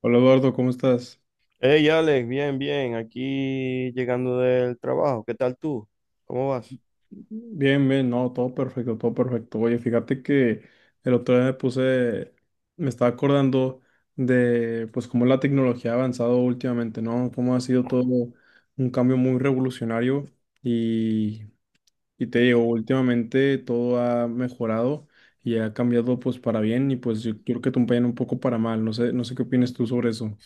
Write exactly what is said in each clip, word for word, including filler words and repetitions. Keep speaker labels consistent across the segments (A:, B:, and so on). A: Hola Eduardo, ¿cómo estás?
B: Hey Alex, bien, bien, aquí llegando del trabajo, ¿qué tal tú? ¿Cómo vas?
A: Bien, bien, no, todo perfecto, todo perfecto. Oye, fíjate que el otro día me puse, me estaba acordando de pues cómo la tecnología ha avanzado últimamente, ¿no? Cómo ha sido todo un cambio muy revolucionario y, y te digo, últimamente todo ha mejorado y ha cambiado pues para bien y pues yo creo que también un poco para mal. No sé, no sé qué opinas tú sobre eso.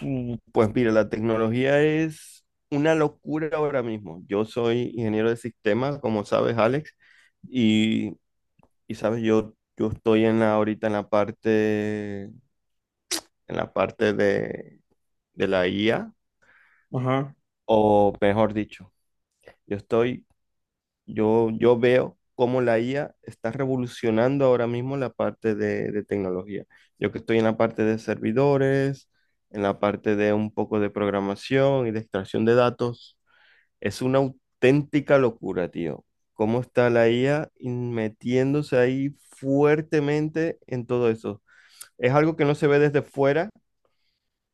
B: Mm, pues mira, la tecnología es una locura ahora mismo. Yo soy ingeniero de sistemas, como sabes, Alex, y, y sabes, yo, yo estoy en la, ahorita en la parte, en la parte de, de la I A,
A: Ajá.
B: o mejor dicho, yo estoy. Yo, yo veo cómo la I A está revolucionando ahora mismo la parte de, de tecnología. Yo que estoy en la parte de servidores, en la parte de un poco de programación y de extracción de datos, es una auténtica locura, tío. Cómo está la I A in- metiéndose ahí fuertemente en todo eso. Es algo que no se ve desde fuera,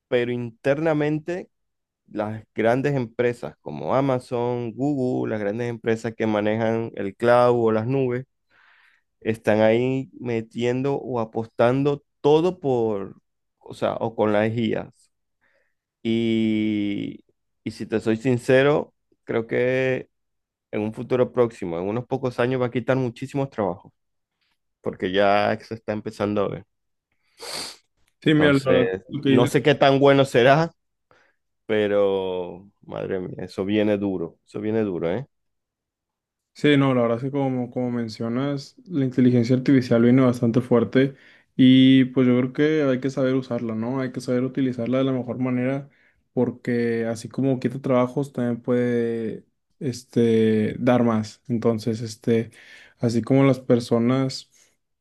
B: pero internamente las grandes empresas como Amazon, Google, las grandes empresas que manejan el cloud o las nubes, están ahí metiendo o apostando todo por, o sea, o con las I As. Y, y si te soy sincero, creo que en un futuro próximo, en unos pocos años, va a quitar muchísimos trabajos, porque ya se está empezando a ver.
A: Sí, mira, la verdad,
B: Entonces,
A: lo que
B: no
A: dices.
B: sé qué tan bueno será, pero madre mía, eso viene duro, eso viene duro, ¿eh?
A: Sí, no, la verdad es que como, como mencionas, la inteligencia artificial viene bastante fuerte y pues yo creo que hay que saber usarla, ¿no? Hay que saber utilizarla de la mejor manera porque así como quita trabajos, también puede, este, dar más. Entonces, este, así como las personas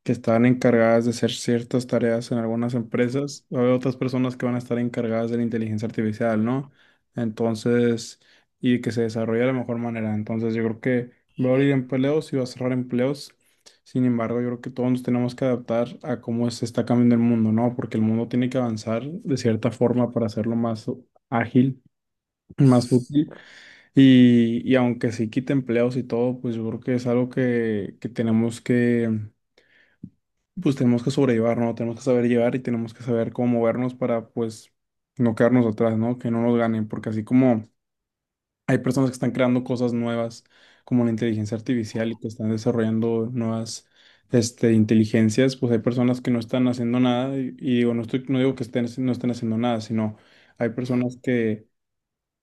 A: que están encargadas de hacer ciertas tareas en algunas empresas, va a haber otras personas que van a estar encargadas de la inteligencia artificial, ¿no? Entonces, y que se desarrolle de la mejor manera. Entonces, yo creo que... va a abrir empleos y va a cerrar empleos. Sin embargo, yo creo que todos nos tenemos que adaptar a cómo se está cambiando el mundo, ¿no? Porque el mundo tiene que avanzar de cierta forma para hacerlo más ágil, más útil. Y, y aunque sí quite empleos y todo, pues yo creo que es algo que, que tenemos que, pues tenemos que sobrellevar, ¿no? Tenemos que saber llevar y tenemos que saber cómo movernos para, pues, no quedarnos atrás, ¿no? Que no nos ganen, porque así como... hay personas que están creando cosas nuevas, como la inteligencia artificial, y que están desarrollando nuevas, este, inteligencias. Pues hay personas que no están haciendo nada, y, y digo, no estoy, no digo que estén, no estén haciendo nada, sino hay personas que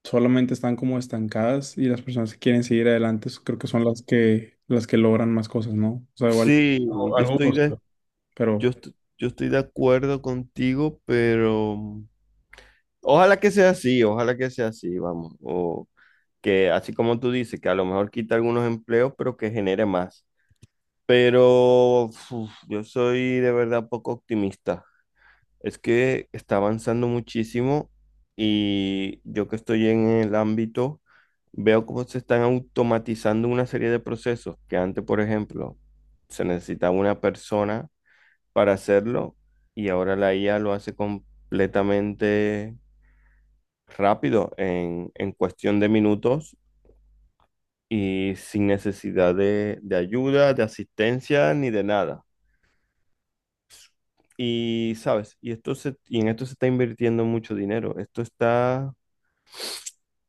A: solamente están como estancadas y las personas que quieren seguir adelante s- creo que son las que, las que logran más cosas, ¿no? O sea, igual
B: Sí,
A: algo,
B: yo
A: algo
B: estoy de,
A: justo,
B: yo,
A: pero
B: est- yo estoy de acuerdo contigo, pero mm, ojalá que sea así, ojalá que sea así, vamos. O que así como tú dices, que a lo mejor quita algunos empleos, pero que genere más. Pero uf, yo soy de verdad poco optimista. Es que está avanzando muchísimo y yo que estoy en el ámbito, veo cómo se están automatizando una serie de procesos que antes, por ejemplo, se necesitaba una persona para hacerlo y ahora la I A lo hace completamente rápido en, en cuestión de minutos y sin necesidad de, de ayuda, de asistencia ni de nada. Y sabes, y esto se, y en esto se está invirtiendo mucho dinero. Esto está,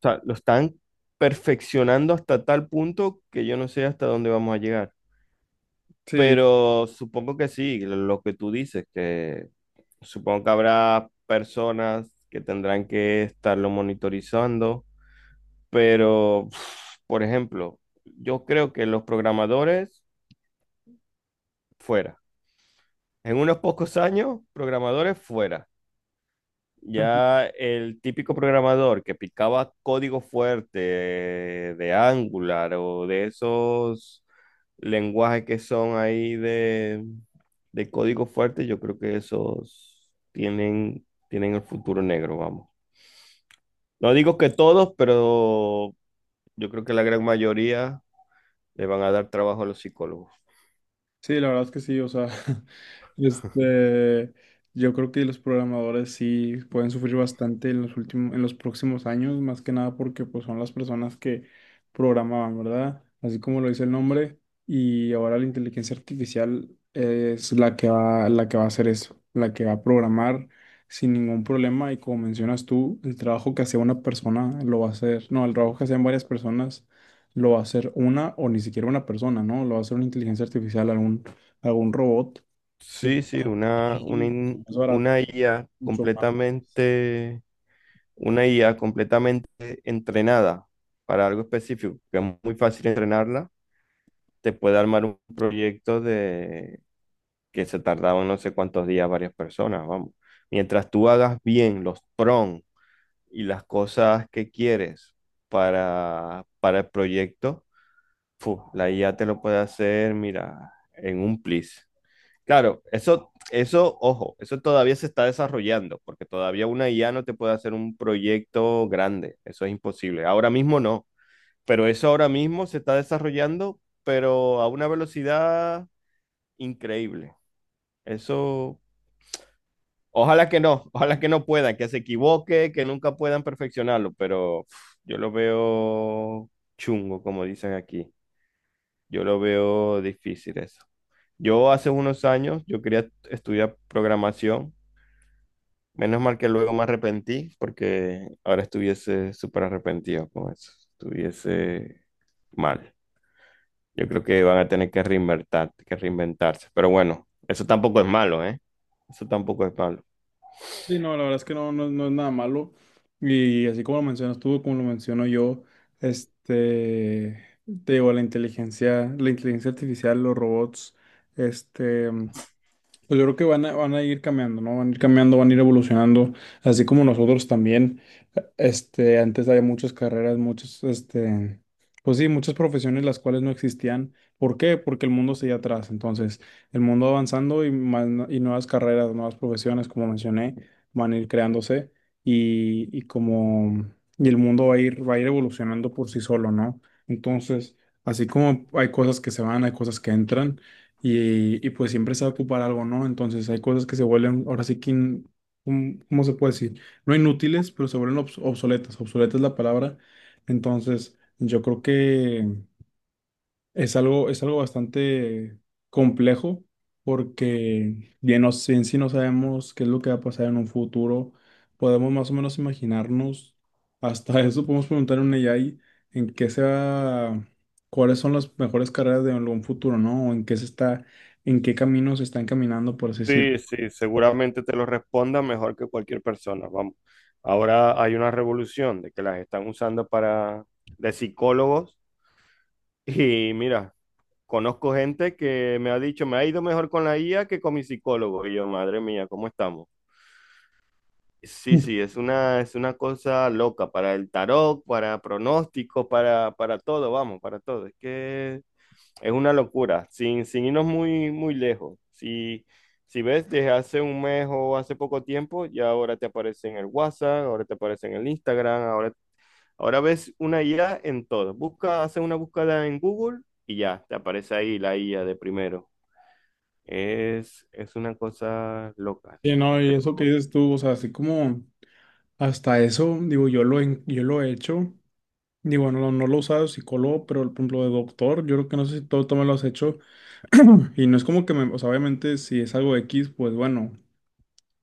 B: o sea, lo están perfeccionando hasta tal punto que yo no sé hasta dónde vamos a llegar.
A: sí.
B: Pero supongo que sí, lo lo que tú dices, que supongo que habrá personas que tendrán que estarlo monitorizando, pero, uf, por ejemplo, yo creo que los programadores fuera. En unos pocos años, programadores fuera. Ya el típico programador que picaba código fuerte de Angular o de esos lenguajes que son ahí de, de código fuerte, yo creo que esos tienen, tienen el futuro negro, vamos. No digo que todos, pero yo creo que la gran mayoría le van a dar trabajo a los psicólogos.
A: Sí, la verdad es que sí, o sea, este, yo creo que los programadores sí pueden sufrir bastante en los últimos, en los próximos años, más que nada porque pues son las personas que programaban, ¿verdad? Así como lo dice el nombre, y ahora la inteligencia artificial es la que va, la que va a hacer eso, la que va a programar sin ningún problema, y como mencionas tú, el trabajo que hacía una persona lo va a hacer, no, el trabajo que hacían varias personas lo va a hacer una o ni siquiera una persona, ¿no? Lo va a hacer una inteligencia artificial, algún, algún robot. Que
B: Sí, sí, una, una,
A: sí, es
B: in-
A: más barato,
B: una I A
A: mucho más.
B: completamente, una I A completamente entrenada para algo específico, que es muy fácil entrenarla, te puede armar un proyecto de que se tardaban no sé cuántos días varias personas, vamos. Mientras tú hagas bien los prompts y las cosas que quieres para, para el proyecto, fu, la I A te lo puede hacer, mira, en un plis. Claro, eso, eso, ojo, eso todavía se está desarrollando, porque todavía una I A no te puede hacer un proyecto grande, eso es imposible. Ahora mismo no, pero eso ahora mismo se está desarrollando, pero a una velocidad increíble. Eso, ojalá que no, ojalá que no puedan, que se equivoque, que nunca puedan perfeccionarlo, pero uf, yo lo veo chungo, como dicen aquí. Yo lo veo difícil eso. Yo hace unos años, yo quería estudiar programación. Menos mal que luego me arrepentí, porque ahora estuviese súper arrepentido con eso. Estuviese mal. Yo creo que van a tener que reinventar, que reinventarse. Pero bueno, eso tampoco es malo, ¿eh? Eso tampoco es malo.
A: Sí, no, la verdad es que no, no, no es nada malo. Y así como lo mencionas tú, como lo menciono yo, este, te digo, la inteligencia, la inteligencia artificial, los robots, este, pues yo creo que van a, van a ir cambiando, ¿no? Van a ir cambiando, van a ir evolucionando, así como nosotros también. Este, antes había muchas carreras, muchas, este, pues sí, muchas profesiones las cuales no existían. ¿Por qué? Porque el mundo seguía atrás. Entonces, el mundo avanzando y más, no- y nuevas carreras, nuevas profesiones, como mencioné, van a ir creándose y, y como, y el mundo va a ir, va a ir evolucionando por sí solo, ¿no? Entonces, así como hay cosas que se van, hay cosas que entran y, y pues siempre se va a ocupar algo, ¿no? Entonces hay cosas que se vuelven, ahora sí que, in- ¿cómo cómo se puede decir? No inútiles, pero se vuelven obs- obsoletas, obsoleta es la palabra. Entonces, yo creo que es algo, es algo bastante complejo porque bien, no, sé- en sí no sabemos qué es lo que va a pasar en un futuro. Podemos más o menos imaginarnos, hasta eso podemos preguntar a un A I en qué se va, cuáles son las mejores carreras de algún futuro, ¿no? O en qué se está, en qué caminos se están caminando, por así decirlo.
B: Sí, sí, seguramente te lo responda mejor que cualquier persona. Vamos. Ahora hay una revolución de que las están usando para de psicólogos. Y mira, conozco gente que me ha dicho, me ha ido mejor con la I A que con mi psicólogo. Y yo, madre mía, ¿cómo estamos? Sí, sí, es una, es una cosa loca para el tarot, para pronósticos, para, para todo, vamos, para todo. Es que es una locura, sin, sin irnos muy, muy lejos. Si, si ves desde hace un mes o hace poco tiempo, ya ahora te aparece en el WhatsApp, ahora te aparece en el Instagram, ahora, ahora ves una I A en todo. Busca, hace una búsqueda en Google y ya, te aparece ahí la I A de primero. Es, es una cosa loca,
A: Sí,
B: tío.
A: no, y eso que dices tú, o sea, así como hasta eso, digo, yo lo, en- yo lo he hecho. Digo, no, no lo he usado de psicólogo, pero por ejemplo de doctor, yo creo que no sé si todo, tú me lo has hecho. Y no es como que me, o sea, obviamente si es algo X, pues bueno,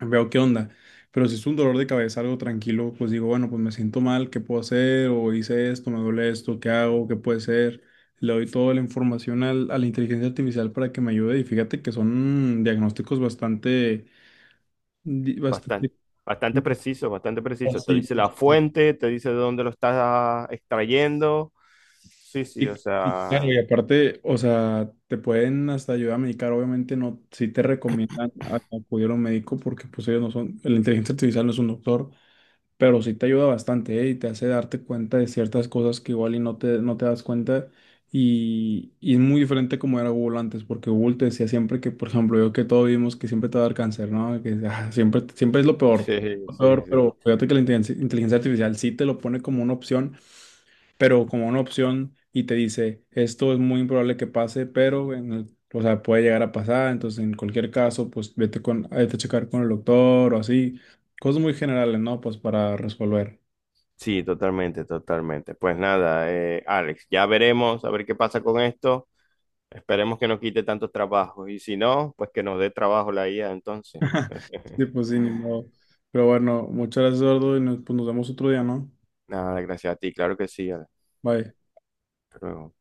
A: veo qué onda. Pero si es un dolor de cabeza, algo tranquilo, pues digo, bueno, pues me siento mal, ¿qué puedo hacer? O hice esto, me duele esto, ¿qué hago? ¿Qué puede ser? Le doy toda la información al- a la inteligencia artificial para que me ayude. Y fíjate que son diagnósticos bastante, di-
B: Bastante,
A: bastante
B: bastante preciso, bastante preciso. Te
A: así,
B: dice la
A: pues.
B: fuente, te dice de dónde lo estás extrayendo. Sí, sí,
A: Sí.
B: o
A: Y claro,
B: sea,
A: y aparte, o sea, te pueden hasta ayudar a medicar, obviamente no, sí te recomiendan a- acudir a un médico porque pues ellos no son, la inteligencia artificial no es un doctor, pero sí te ayuda bastante, ¿eh? Y te hace darte cuenta de ciertas cosas que igual y no te, no te das cuenta y, y es muy diferente como era Google antes, porque Google te decía siempre que, por ejemplo, yo que todos vimos que siempre te va a dar cáncer, ¿no? Que ah, siempre, siempre es lo peor,
B: sí,
A: lo
B: sí,
A: peor,
B: sí.
A: pero fíjate que la inteligencia inteligencia artificial sí te lo pone como una opción, pero como una opción, y te dice, esto es muy improbable que pase, pero en el- o sea, puede llegar a pasar, entonces en cualquier caso, pues vete con, vete a checar con el doctor o así, cosas muy generales, ¿no? Pues para resolver.
B: Sí, totalmente, totalmente. Pues nada, eh, Alex, ya veremos a ver qué pasa con esto. Esperemos que no quite tantos trabajos y si no, pues que nos dé trabajo la I A entonces.
A: Sí, pues sí, ni modo. Pero bueno, muchas gracias, Eduardo, y nos, pues, nos vemos otro día, ¿no?
B: Nada, gracias a ti, claro que sí, Alex.
A: Bye.
B: Hasta luego.